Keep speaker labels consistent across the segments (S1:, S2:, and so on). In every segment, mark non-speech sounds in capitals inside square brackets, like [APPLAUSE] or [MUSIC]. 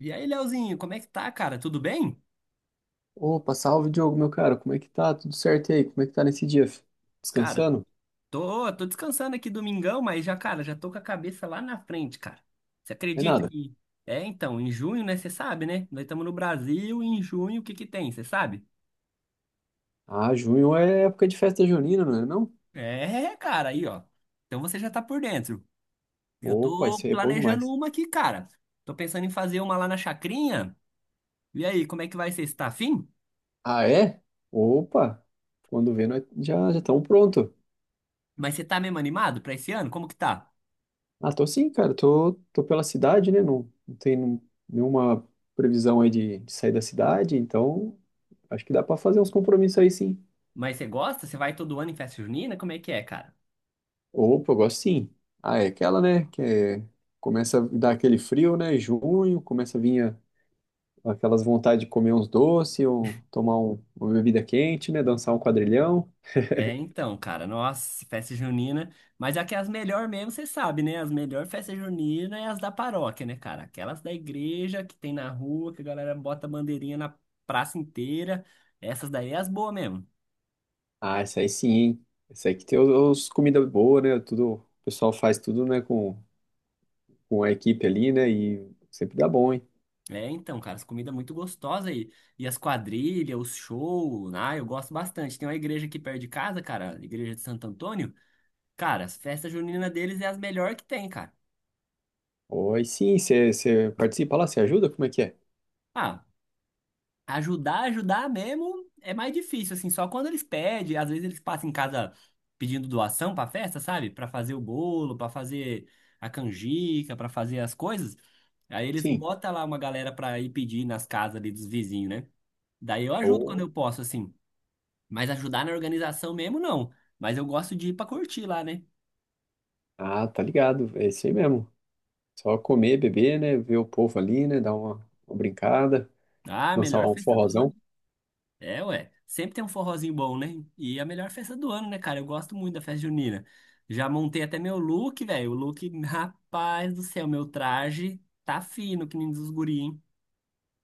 S1: E aí, Leozinho, como é que tá, cara? Tudo bem?
S2: Opa, salve Diogo, meu cara, como é que tá? Tudo certo e aí? Como é que tá nesse dia?
S1: Cara,
S2: Descansando?
S1: tô descansando aqui domingão, mas já, cara, já tô com a cabeça lá na frente, cara. Você
S2: É
S1: acredita
S2: nada.
S1: que... É, então, em junho, né? Você sabe, né? Nós estamos no Brasil e em junho o que que tem, você sabe?
S2: Ah, junho é época de festa junina, não é não?
S1: É, cara, aí, ó. Então você já tá por dentro. Eu
S2: Opa, isso
S1: tô
S2: aí é bom
S1: planejando
S2: demais.
S1: uma aqui, cara. Tô pensando em fazer uma lá na Chacrinha. E aí, como é que vai ser? Você tá afim?
S2: Ah, é? Opa, quando vê, nós já já estamos pronto.
S1: Mas você tá mesmo animado pra esse ano? Como que tá?
S2: Ah, tô sim, cara, tô, pela cidade, né? Não, não tem nenhuma previsão aí de, sair da cidade, então acho que dá pra fazer uns compromissos aí sim.
S1: Mas você gosta? Você vai todo ano em festa junina? Como é que é, cara?
S2: Opa, eu gosto sim. Ah, é aquela, né? Começa a dar aquele frio, né? Junho, começa a vir aquelas vontade de comer uns doces, ou tomar uma bebida quente, né? Dançar um quadrilhão.
S1: É, então, cara, nossa, festa junina. Mas é que as melhores mesmo, você sabe, né? As melhores festas juninas é as da paróquia, né, cara? Aquelas da igreja que tem na rua, que a galera bota bandeirinha na praça inteira. Essas daí é as boas mesmo.
S2: Ah, isso aí sim, hein? Isso aí que tem os comida boa, né? Tudo, o pessoal faz tudo, né? Com a equipe ali, né? E sempre dá bom, hein?
S1: É, então, cara, as comidas muito gostosas aí. E as quadrilhas, os shows, ah, eu gosto bastante. Tem uma igreja aqui perto de casa, cara, a igreja de Santo Antônio. Cara, as festas juninas deles é as melhores que tem, cara.
S2: Oi, sim, você participa lá, você ajuda? Como é que é?
S1: Ah. Ajudar, ajudar mesmo é mais difícil, assim, só quando eles pedem, às vezes eles passam em casa pedindo doação pra festa, sabe? Pra fazer o bolo, pra fazer a canjica, pra fazer as coisas. Aí eles
S2: Sim.
S1: botam lá uma galera pra ir pedir nas casas ali dos vizinhos, né? Daí eu ajudo quando
S2: Ô,
S1: eu posso, assim. Mas ajudar na organização mesmo, não. Mas eu gosto de ir pra curtir lá, né?
S2: ah, tá ligado. É isso aí mesmo. Só comer, beber, né? Ver o povo ali, né? Dar uma brincada,
S1: Ah,
S2: dançar
S1: melhor
S2: um
S1: festa do ano.
S2: forrozão.
S1: É, ué. Sempre tem um forrozinho bom, né? E é a melhor festa do ano, né, cara? Eu gosto muito da festa junina. Já montei até meu look, velho. O look, [LAUGHS] rapaz do céu, meu traje tá fino, que nem dos guri, hein?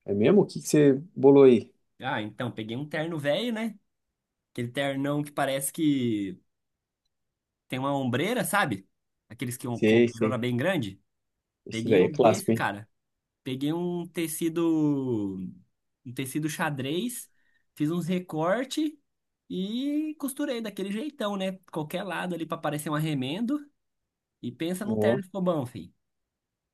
S2: É mesmo? O que que você bolou aí?
S1: Ah, então, peguei um terno velho, né? Aquele ternão que parece que tem uma ombreira, sabe? Aqueles que com uma
S2: Sei,
S1: ombreirona
S2: sei.
S1: bem grande.
S2: Esses
S1: Peguei
S2: aí é
S1: um desse,
S2: clássico, hein?
S1: cara. Peguei um tecido xadrez, fiz uns recorte e costurei daquele jeitão, né? Qualquer lado ali pra parecer um arremendo. E pensa num terno que ficou bom, filho.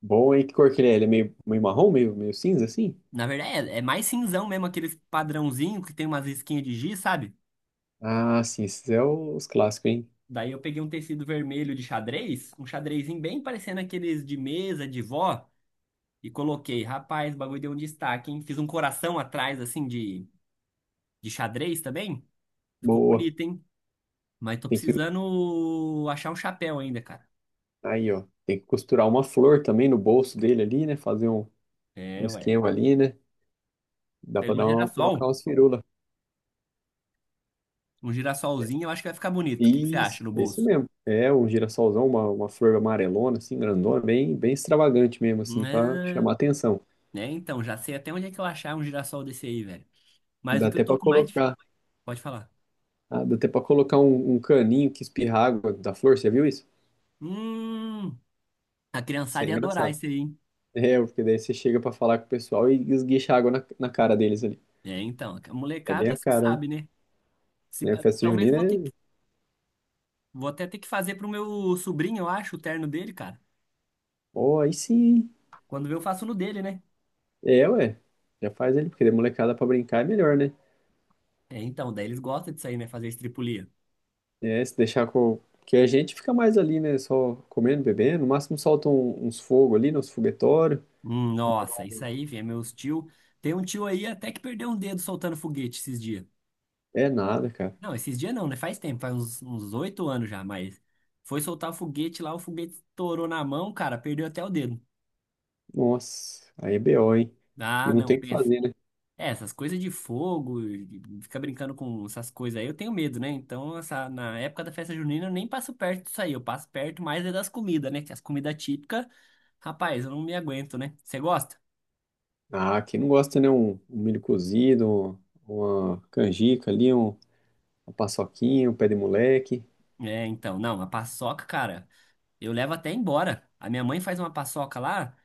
S2: Bom, hein? Que cor que ele é? Ele é meio, meio marrom, meio, meio cinza, assim?
S1: Na verdade, é mais cinzão mesmo, aqueles padrãozinho que tem umas risquinhas de giz, sabe?
S2: Ah, sim, esses é os clássicos, hein?
S1: Daí eu peguei um tecido vermelho de xadrez, um xadrezinho bem parecendo aqueles de mesa, de vó, e coloquei. Rapaz, o bagulho deu um destaque, hein? Fiz um coração atrás, assim, de xadrez também. Ficou
S2: Boa.
S1: bonito, hein? Mas tô
S2: Tem que,
S1: precisando achar um chapéu ainda, cara.
S2: aí, ó, tem que costurar uma flor também no bolso dele ali, né? Um
S1: É, ué.
S2: esquema ali, né? Dá pra
S1: Pega um
S2: colocar
S1: girassol.
S2: umas firulas.
S1: Um girassolzinho, eu acho que vai ficar bonito. O que que você acha
S2: Isso,
S1: no
S2: é isso
S1: bolso?
S2: mesmo. É um girassolzão, uma flor amarelona, assim, grandona, bem, bem extravagante mesmo, assim, pra
S1: Né,
S2: chamar atenção.
S1: né, então, já sei até onde é que eu achar um girassol desse aí, velho. Mas
S2: Dá
S1: o que eu
S2: até
S1: tô
S2: pra
S1: com mais dif-
S2: colocar,
S1: Pode falar.
S2: ah, dá até pra colocar um caninho que espirra água da flor, você viu isso?
S1: Hum, a
S2: Isso é
S1: criançada ia adorar
S2: engraçado.
S1: esse aí, hein?
S2: É, porque daí você chega pra falar com o pessoal e esguicha água na cara deles ali.
S1: É, então, a
S2: É bem
S1: molecada,
S2: a
S1: você
S2: cara,
S1: sabe, né? Se-
S2: né?
S1: ah,
S2: Festa
S1: talvez
S2: junina
S1: vou
S2: é.
S1: ter que- Vou até ter que fazer pro meu sobrinho, eu acho, o terno dele, cara.
S2: Pô, aí sim.
S1: Quando vê, eu faço no dele, né?
S2: É, ué. Já faz ali, porque de molecada pra brincar é melhor, né?
S1: É, então, daí eles gostam disso aí, né? Fazer estripulia.
S2: É, se deixar com. Porque a gente fica mais ali, né? Só comendo, bebendo. No máximo solta uns fogos ali, nos foguetórios.
S1: Nossa, isso aí, velho, meus tio. Tem um tio aí até que perdeu um dedo soltando foguete esses dias.
S2: É nada, cara.
S1: Não, esses dias não, né? Faz tempo, faz uns 8 anos já, mas foi soltar o foguete lá, o foguete estourou na mão, cara, perdeu até o dedo.
S2: Nossa, aí é BO, hein?
S1: Ah,
S2: E não
S1: não,
S2: tem o que
S1: pensa.
S2: fazer, né?
S1: É, essas coisas de fogo, e fica brincando com essas coisas aí, eu tenho medo, né? Então, essa, na época da festa junina, eu nem passo perto disso aí, eu passo perto mais é das comidas, né? Que as comidas típicas, rapaz, eu não me aguento, né? Você gosta?
S2: Ah, quem não gosta, né? Um milho cozido, uma canjica ali, uma paçoquinha, um pé de moleque.
S1: É, então, não, a paçoca, cara. Eu levo até embora. A minha mãe faz uma paçoca lá,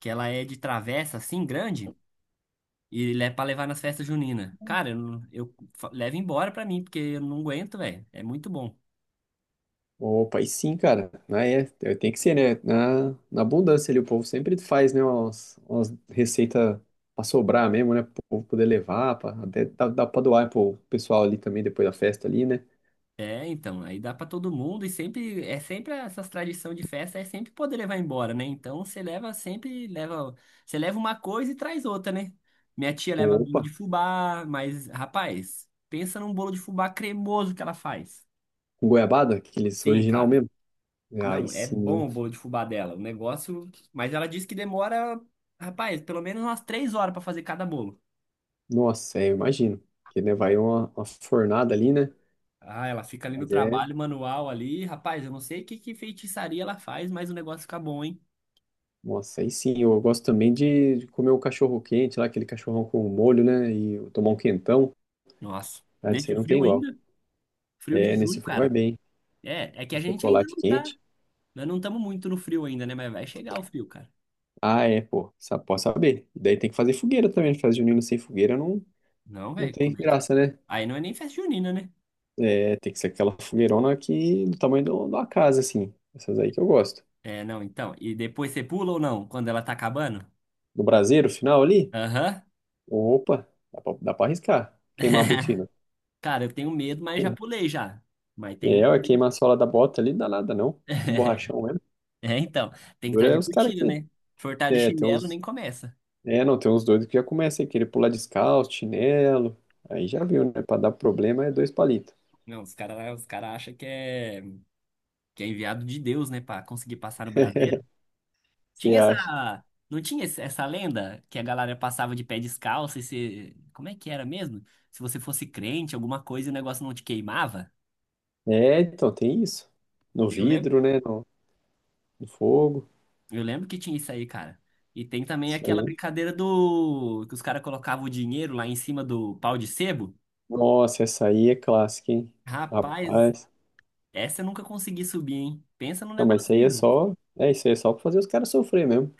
S1: que ela é de travessa assim, grande, e é pra levar nas festas juninas. Cara, eu, não- eu fa- levo embora pra mim, porque eu não aguento, velho. É muito bom.
S2: Opa, e sim, cara. Ah, é, é, tem que ser, né? Na abundância ali, o povo sempre faz, né? Umas receitas pra sobrar mesmo, né? Para o povo poder levar, pra, até dá pra doar pro pessoal ali também, depois da festa ali, né?
S1: É, então, aí dá pra todo mundo e sempre, é sempre essas tradição de festa, é sempre poder levar embora, né? Então você leva sempre, leva, você leva uma coisa e traz outra, né? Minha tia leva bolo
S2: Opa,
S1: de fubá, mas, rapaz, pensa num bolo de fubá cremoso que ela faz.
S2: com goiabada, aqueles
S1: Sim,
S2: original
S1: cara.
S2: mesmo. É, aí
S1: Não, é
S2: sim,
S1: bom o bolo de fubá dela. O negócio. Mas ela disse que demora, rapaz, pelo menos umas 3 horas pra fazer cada bolo.
S2: nossa, é, eu imagino. Que, né, vai uma fornada ali, né?
S1: Ah, ela fica ali no
S2: Mas é,
S1: trabalho manual ali. Rapaz, eu não sei que feitiçaria ela faz, mas o negócio fica bom, hein?
S2: nossa, aí sim, eu gosto também de comer um cachorro quente lá, aquele cachorrão com molho, né? E tomar um quentão.
S1: Nossa.
S2: Cara, isso
S1: Nesse
S2: aí não tem
S1: frio
S2: igual.
S1: ainda? Frio de
S2: É, nesse
S1: junho,
S2: frio vai
S1: cara.
S2: bem.
S1: É que
S2: Um
S1: a gente ainda
S2: chocolate
S1: não tá.
S2: quente.
S1: Nós não estamos muito no frio ainda, né? Mas vai chegar o frio, cara.
S2: Ah, é, pô. Posso saber. E daí tem que fazer fogueira também. Festa junina sem fogueira não,
S1: Não,
S2: não
S1: velho,
S2: tem
S1: como é que.
S2: graça, né?
S1: Aí não é nem festa junina, né?
S2: É, tem que ser aquela fogueirona que, de uma casa, assim. Essas aí que eu gosto.
S1: É, não, então. E depois você pula ou não? Quando ela tá acabando?
S2: No braseiro final ali,
S1: Aham.
S2: opa, dá pra arriscar. Queimar a botina.
S1: Cara, eu tenho medo, mas já pulei já. Mas tenho
S2: É, ué,
S1: medo, hein?
S2: queimar a sola da bota ali, dá nada não. Um
S1: [LAUGHS]
S2: borrachão mesmo.
S1: É, então, tem que
S2: Dura
S1: estar
S2: é
S1: de
S2: os caras
S1: botina,
S2: que.
S1: né? Furtar de
S2: É, tem
S1: chinelo
S2: uns.
S1: nem começa.
S2: É, não, tem uns doidos que já começam a querer pular descalço, chinelo. Aí já viu, né? Pra dar problema é dois palitos.
S1: Não, os caras os cara acham que é enviado de Deus, né, pra conseguir passar no braseiro.
S2: Você
S1: Tinha
S2: acha?
S1: essa. Não tinha essa lenda que a galera passava de pé descalço e se. Como é que era mesmo? Se você fosse crente, alguma coisa e o negócio não te queimava?
S2: É, então tem isso. No
S1: Eu lembro,
S2: vidro, né? No, no fogo.
S1: eu lembro que tinha isso aí, cara. E tem também
S2: Isso
S1: aquela
S2: aí.
S1: brincadeira do. Que os caras colocavam o dinheiro lá em cima do pau de sebo.
S2: Nossa, essa aí é clássica, hein?
S1: Rapaz,
S2: Rapaz.
S1: essa eu nunca consegui subir, hein? Pensa num
S2: Não, mas isso
S1: negócio
S2: aí é
S1: liso.
S2: só. É, isso aí é só pra fazer os caras sofrer mesmo.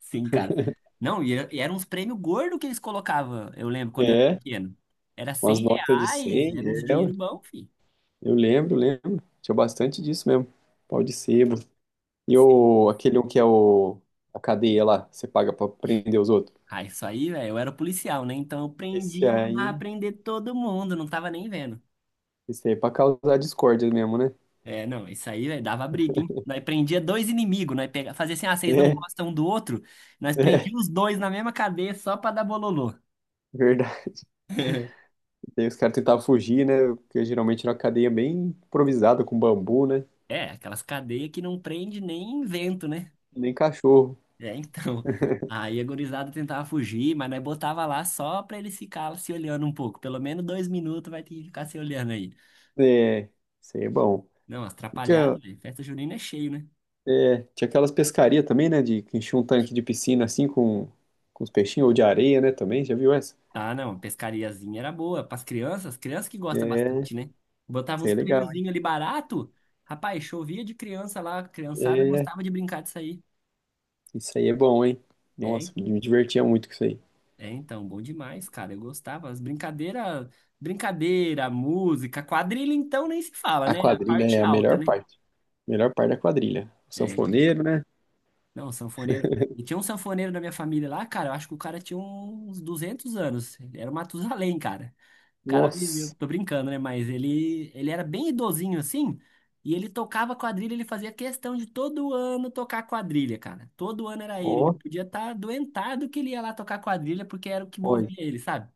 S1: Sim, cara. Não, e eram uns prêmios gordos que eles colocavam, eu lembro, quando eu era
S2: É,
S1: pequeno. Era
S2: umas
S1: 100
S2: notas de
S1: reais,
S2: 100,
S1: era uns
S2: é, ué.
S1: dinheiro bom, filho.
S2: Eu lembro, lembro. Tinha bastante disso mesmo. Pau de sebo.
S1: Sim.
S2: Aquele um que é o, a cadeia lá, você paga pra prender os outros.
S1: Ah, isso aí, velho, eu era policial, né? Então eu
S2: Esse
S1: prendia,
S2: aí,
S1: mandava prender todo mundo, não tava nem vendo.
S2: esse aí é pra causar discórdia mesmo, né?
S1: É, não, isso aí, velho, dava briga, hein? Nós prendia dois inimigos, fazia assim, ah, vocês não
S2: [LAUGHS]
S1: gostam um do outro, nós
S2: É, é,
S1: prendíamos os dois na mesma cadeia só pra dar bololô.
S2: verdade. Daí os caras tentavam fugir, né? Porque geralmente era uma cadeia bem improvisada, com bambu, né?
S1: É, aquelas cadeias que não prende nem vento, né?
S2: Nem cachorro.
S1: É, então. [LAUGHS] Aí a gurizada tentava fugir, mas nós botava lá só pra eles ficar se olhando um pouco. Pelo menos 2 minutos vai ter que ficar se olhando aí.
S2: É, isso aí é bom.
S1: Não, as
S2: E Tinha,
S1: atrapalhadas, velho. Festa junina é cheio, né?
S2: é, tinha aquelas pescarias também, né? De que enchia um tanque de piscina assim com os peixinhos, ou de areia, né? Também, já viu essa?
S1: Ah, não, pescariazinha era boa. Pras crianças, crianças que gostam
S2: É,
S1: bastante, né? Botava
S2: isso aí
S1: uns
S2: é legal, hein?
S1: prêmiozinhos ali barato. Rapaz, chovia de criança lá. A criançada
S2: É,
S1: gostava de brincar disso aí.
S2: isso aí é bom, hein?
S1: É,
S2: Nossa,
S1: en-
S2: me divertia muito com isso aí.
S1: é, então, bom demais, cara. Eu gostava. As brincadeiras, brincadeira, música, quadrilha, então nem se fala,
S2: A
S1: né? A
S2: quadrilha
S1: parte
S2: é a
S1: alta,
S2: melhor
S1: né?
S2: parte. Melhor parte da quadrilha. O
S1: É,
S2: sanfoneiro, né?
S1: não, sanfoneiro. E tinha um sanfoneiro da minha família lá, cara. Eu acho que o cara tinha uns 200 anos. Ele era o Matusalém, cara. O cara viveu.
S2: Nossa,
S1: Tô brincando, né? Mas ele era bem idosinho assim. E ele tocava quadrilha. Ele fazia questão de todo ano tocar quadrilha, cara. Todo ano era ele. Ele
S2: ó,
S1: podia estar doentado que ele ia lá tocar quadrilha porque era o que
S2: ó,
S1: movia ele, sabe?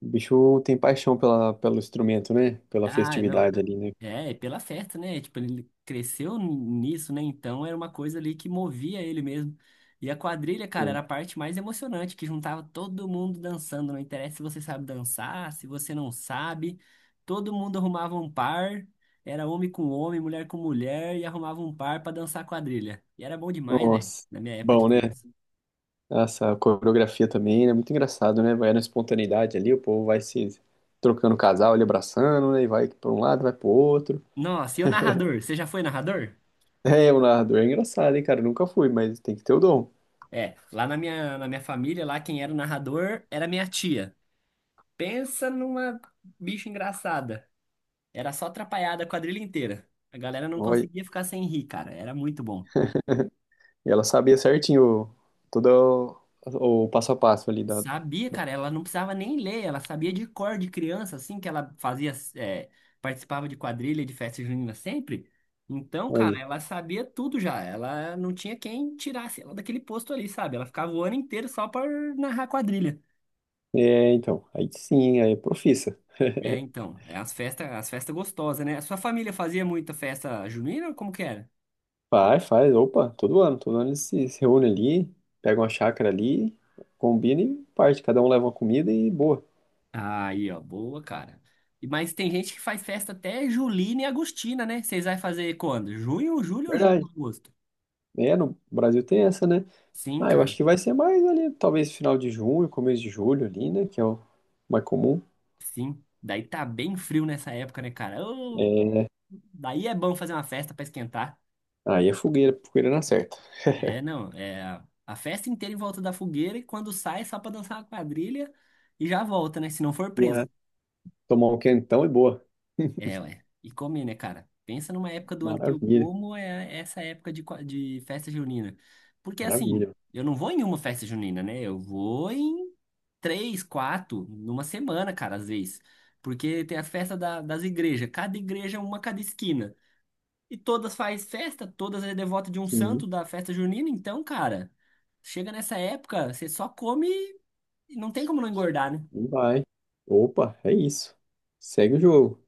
S2: o bicho tem paixão pelo instrumento, né? Pela
S1: Ah, não.
S2: festividade ali, né?
S1: É pela festa, né? Tipo, ele cresceu nisso, né? Então era uma coisa ali que movia ele mesmo. E a quadrilha, cara,
S2: Pô,
S1: era a parte mais emocionante, que juntava todo mundo dançando. Não interessa se você sabe dançar, se você não sabe. Todo mundo arrumava um par. Era homem com homem, mulher com mulher, e arrumava um par pra dançar quadrilha. E era bom demais, velho,
S2: nossa,
S1: na minha época de
S2: bom, né?
S1: criança.
S2: Essa coreografia também né muito engraçado, né? Vai na espontaneidade ali, o povo vai se trocando casal, ali abraçando, né? E vai para um lado, vai pro outro. [LAUGHS]
S1: Nossa, e o narrador? Você já foi narrador?
S2: É, o narrador é engraçado, hein, cara? Nunca fui, mas tem que ter o dom.
S1: É, lá na minha família, lá quem era o narrador era minha tia. Pensa numa bicha engraçada. Era só atrapalhada a quadrilha inteira. A galera não
S2: Olha,
S1: conseguia ficar sem rir, cara. Era muito bom.
S2: e ela sabia certinho todo o passo a passo ali da.
S1: Sabia, cara, ela não precisava nem ler, ela sabia de cor de criança, assim, que ela fazia, é, participava de quadrilha, de festa junina sempre. Então, cara,
S2: Aí.
S1: ela sabia tudo já. Ela não tinha quem tirasse ela daquele posto ali, sabe? Ela ficava o ano inteiro só por narrar quadrilha.
S2: É, então, aí sim, aí é profissa.
S1: É,
S2: [LAUGHS]
S1: então, é as festas gostosas, né? A sua família fazia muita festa junina? Como que era?
S2: Faz, faz. Opa, todo ano. Todo ano eles se reúnem ali, pegam uma chácara ali, combinam e parte. Cada um leva uma comida e boa.
S1: Aí, ó, boa, cara. Mas tem gente que faz festa até Julina e Agostina, né? Vocês vai fazer quando? Junho, julho ou julho,
S2: Verdade.
S1: agosto?
S2: É, no Brasil tem essa, né?
S1: Sim,
S2: Ah, eu acho
S1: cara.
S2: que vai ser mais ali, talvez final de junho, começo de julho ali, né? Que é o mais comum.
S1: Sim. Daí tá bem frio nessa época, né, cara? Ô,
S2: É,
S1: daí é bom fazer uma festa pra esquentar.
S2: aí é fogueira, fogueira na certa.
S1: É,
S2: [LAUGHS]
S1: não, é a festa inteira em volta da fogueira e quando sai é só pra dançar uma quadrilha e já volta, né? Se não for
S2: Já
S1: preso.
S2: tomar um quentão e boa. [LAUGHS]
S1: É, ué. E comer, né, cara? Pensa numa época do ano que eu
S2: Maravilha,
S1: como, é essa época de, qua- de festa junina. Porque assim,
S2: maravilha.
S1: eu não vou em uma festa junina, né? Eu vou em três, quatro, numa semana, cara, às vezes. Porque tem a festa da- das igrejas. Cada igreja, é uma cada esquina. E todas faz festa, todas é devota de um
S2: Sim,
S1: santo da festa junina. Então, cara, chega nessa época, você só come e não tem como não engordar, né?
S2: e vai. Opa, é isso. Segue o jogo.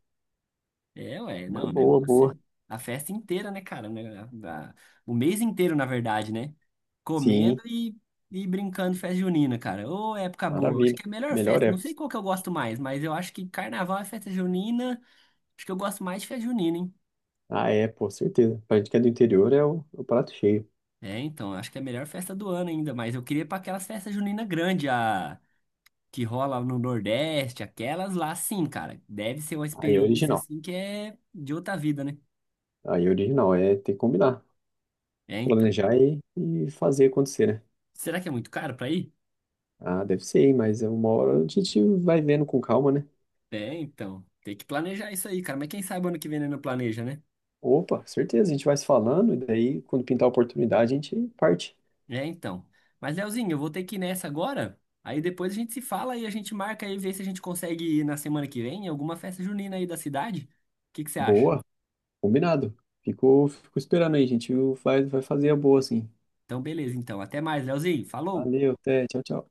S1: É, ué,
S2: Uma
S1: não, o
S2: boa,
S1: negócio
S2: boa.
S1: é a festa inteira, né, cara? Né, a- o mês inteiro, na verdade, né?
S2: Sim,
S1: Comendo e brincando de festa junina, cara. Ô, época boa. Acho
S2: maravilha.
S1: que é a melhor
S2: Melhor
S1: festa.
S2: é.
S1: Não sei qual que eu gosto mais, mas eu acho que carnaval é festa junina. Acho que eu gosto mais de festa junina, hein?
S2: Ah, é, pô, certeza. Pra gente que é do interior é o prato cheio.
S1: É, então, acho que é a melhor festa do ano ainda, mas eu queria ir pra aquelas festas juninas grandes, a que rola no Nordeste, aquelas lá, sim, cara. Deve ser uma
S2: Aí é
S1: experiência,
S2: original.
S1: assim, que é de outra vida, né?
S2: Aí é original, é ter que combinar,
S1: É, então.
S2: planejar e fazer acontecer, né?
S1: Será que é muito caro pra ir?
S2: Ah, deve ser, hein, mas é uma hora a gente vai vendo com calma, né?
S1: É, então. Tem que planejar isso aí, cara. Mas quem sabe ano que vem né, não planeja, né?
S2: Opa, certeza, a gente vai se falando e daí quando pintar a oportunidade a gente parte.
S1: É, então. Mas, Leozinho, eu vou ter que ir nessa agora. Aí depois a gente se fala e a gente marca aí, vê se a gente consegue ir na semana que vem em alguma festa junina aí da cidade. O que que você acha?
S2: Boa, combinado. Fico, fico esperando aí, a gente vai, vai fazer a boa, assim.
S1: Então, beleza, então. Até mais, Leozinho. Falou!
S2: Valeu, até, tchau, tchau.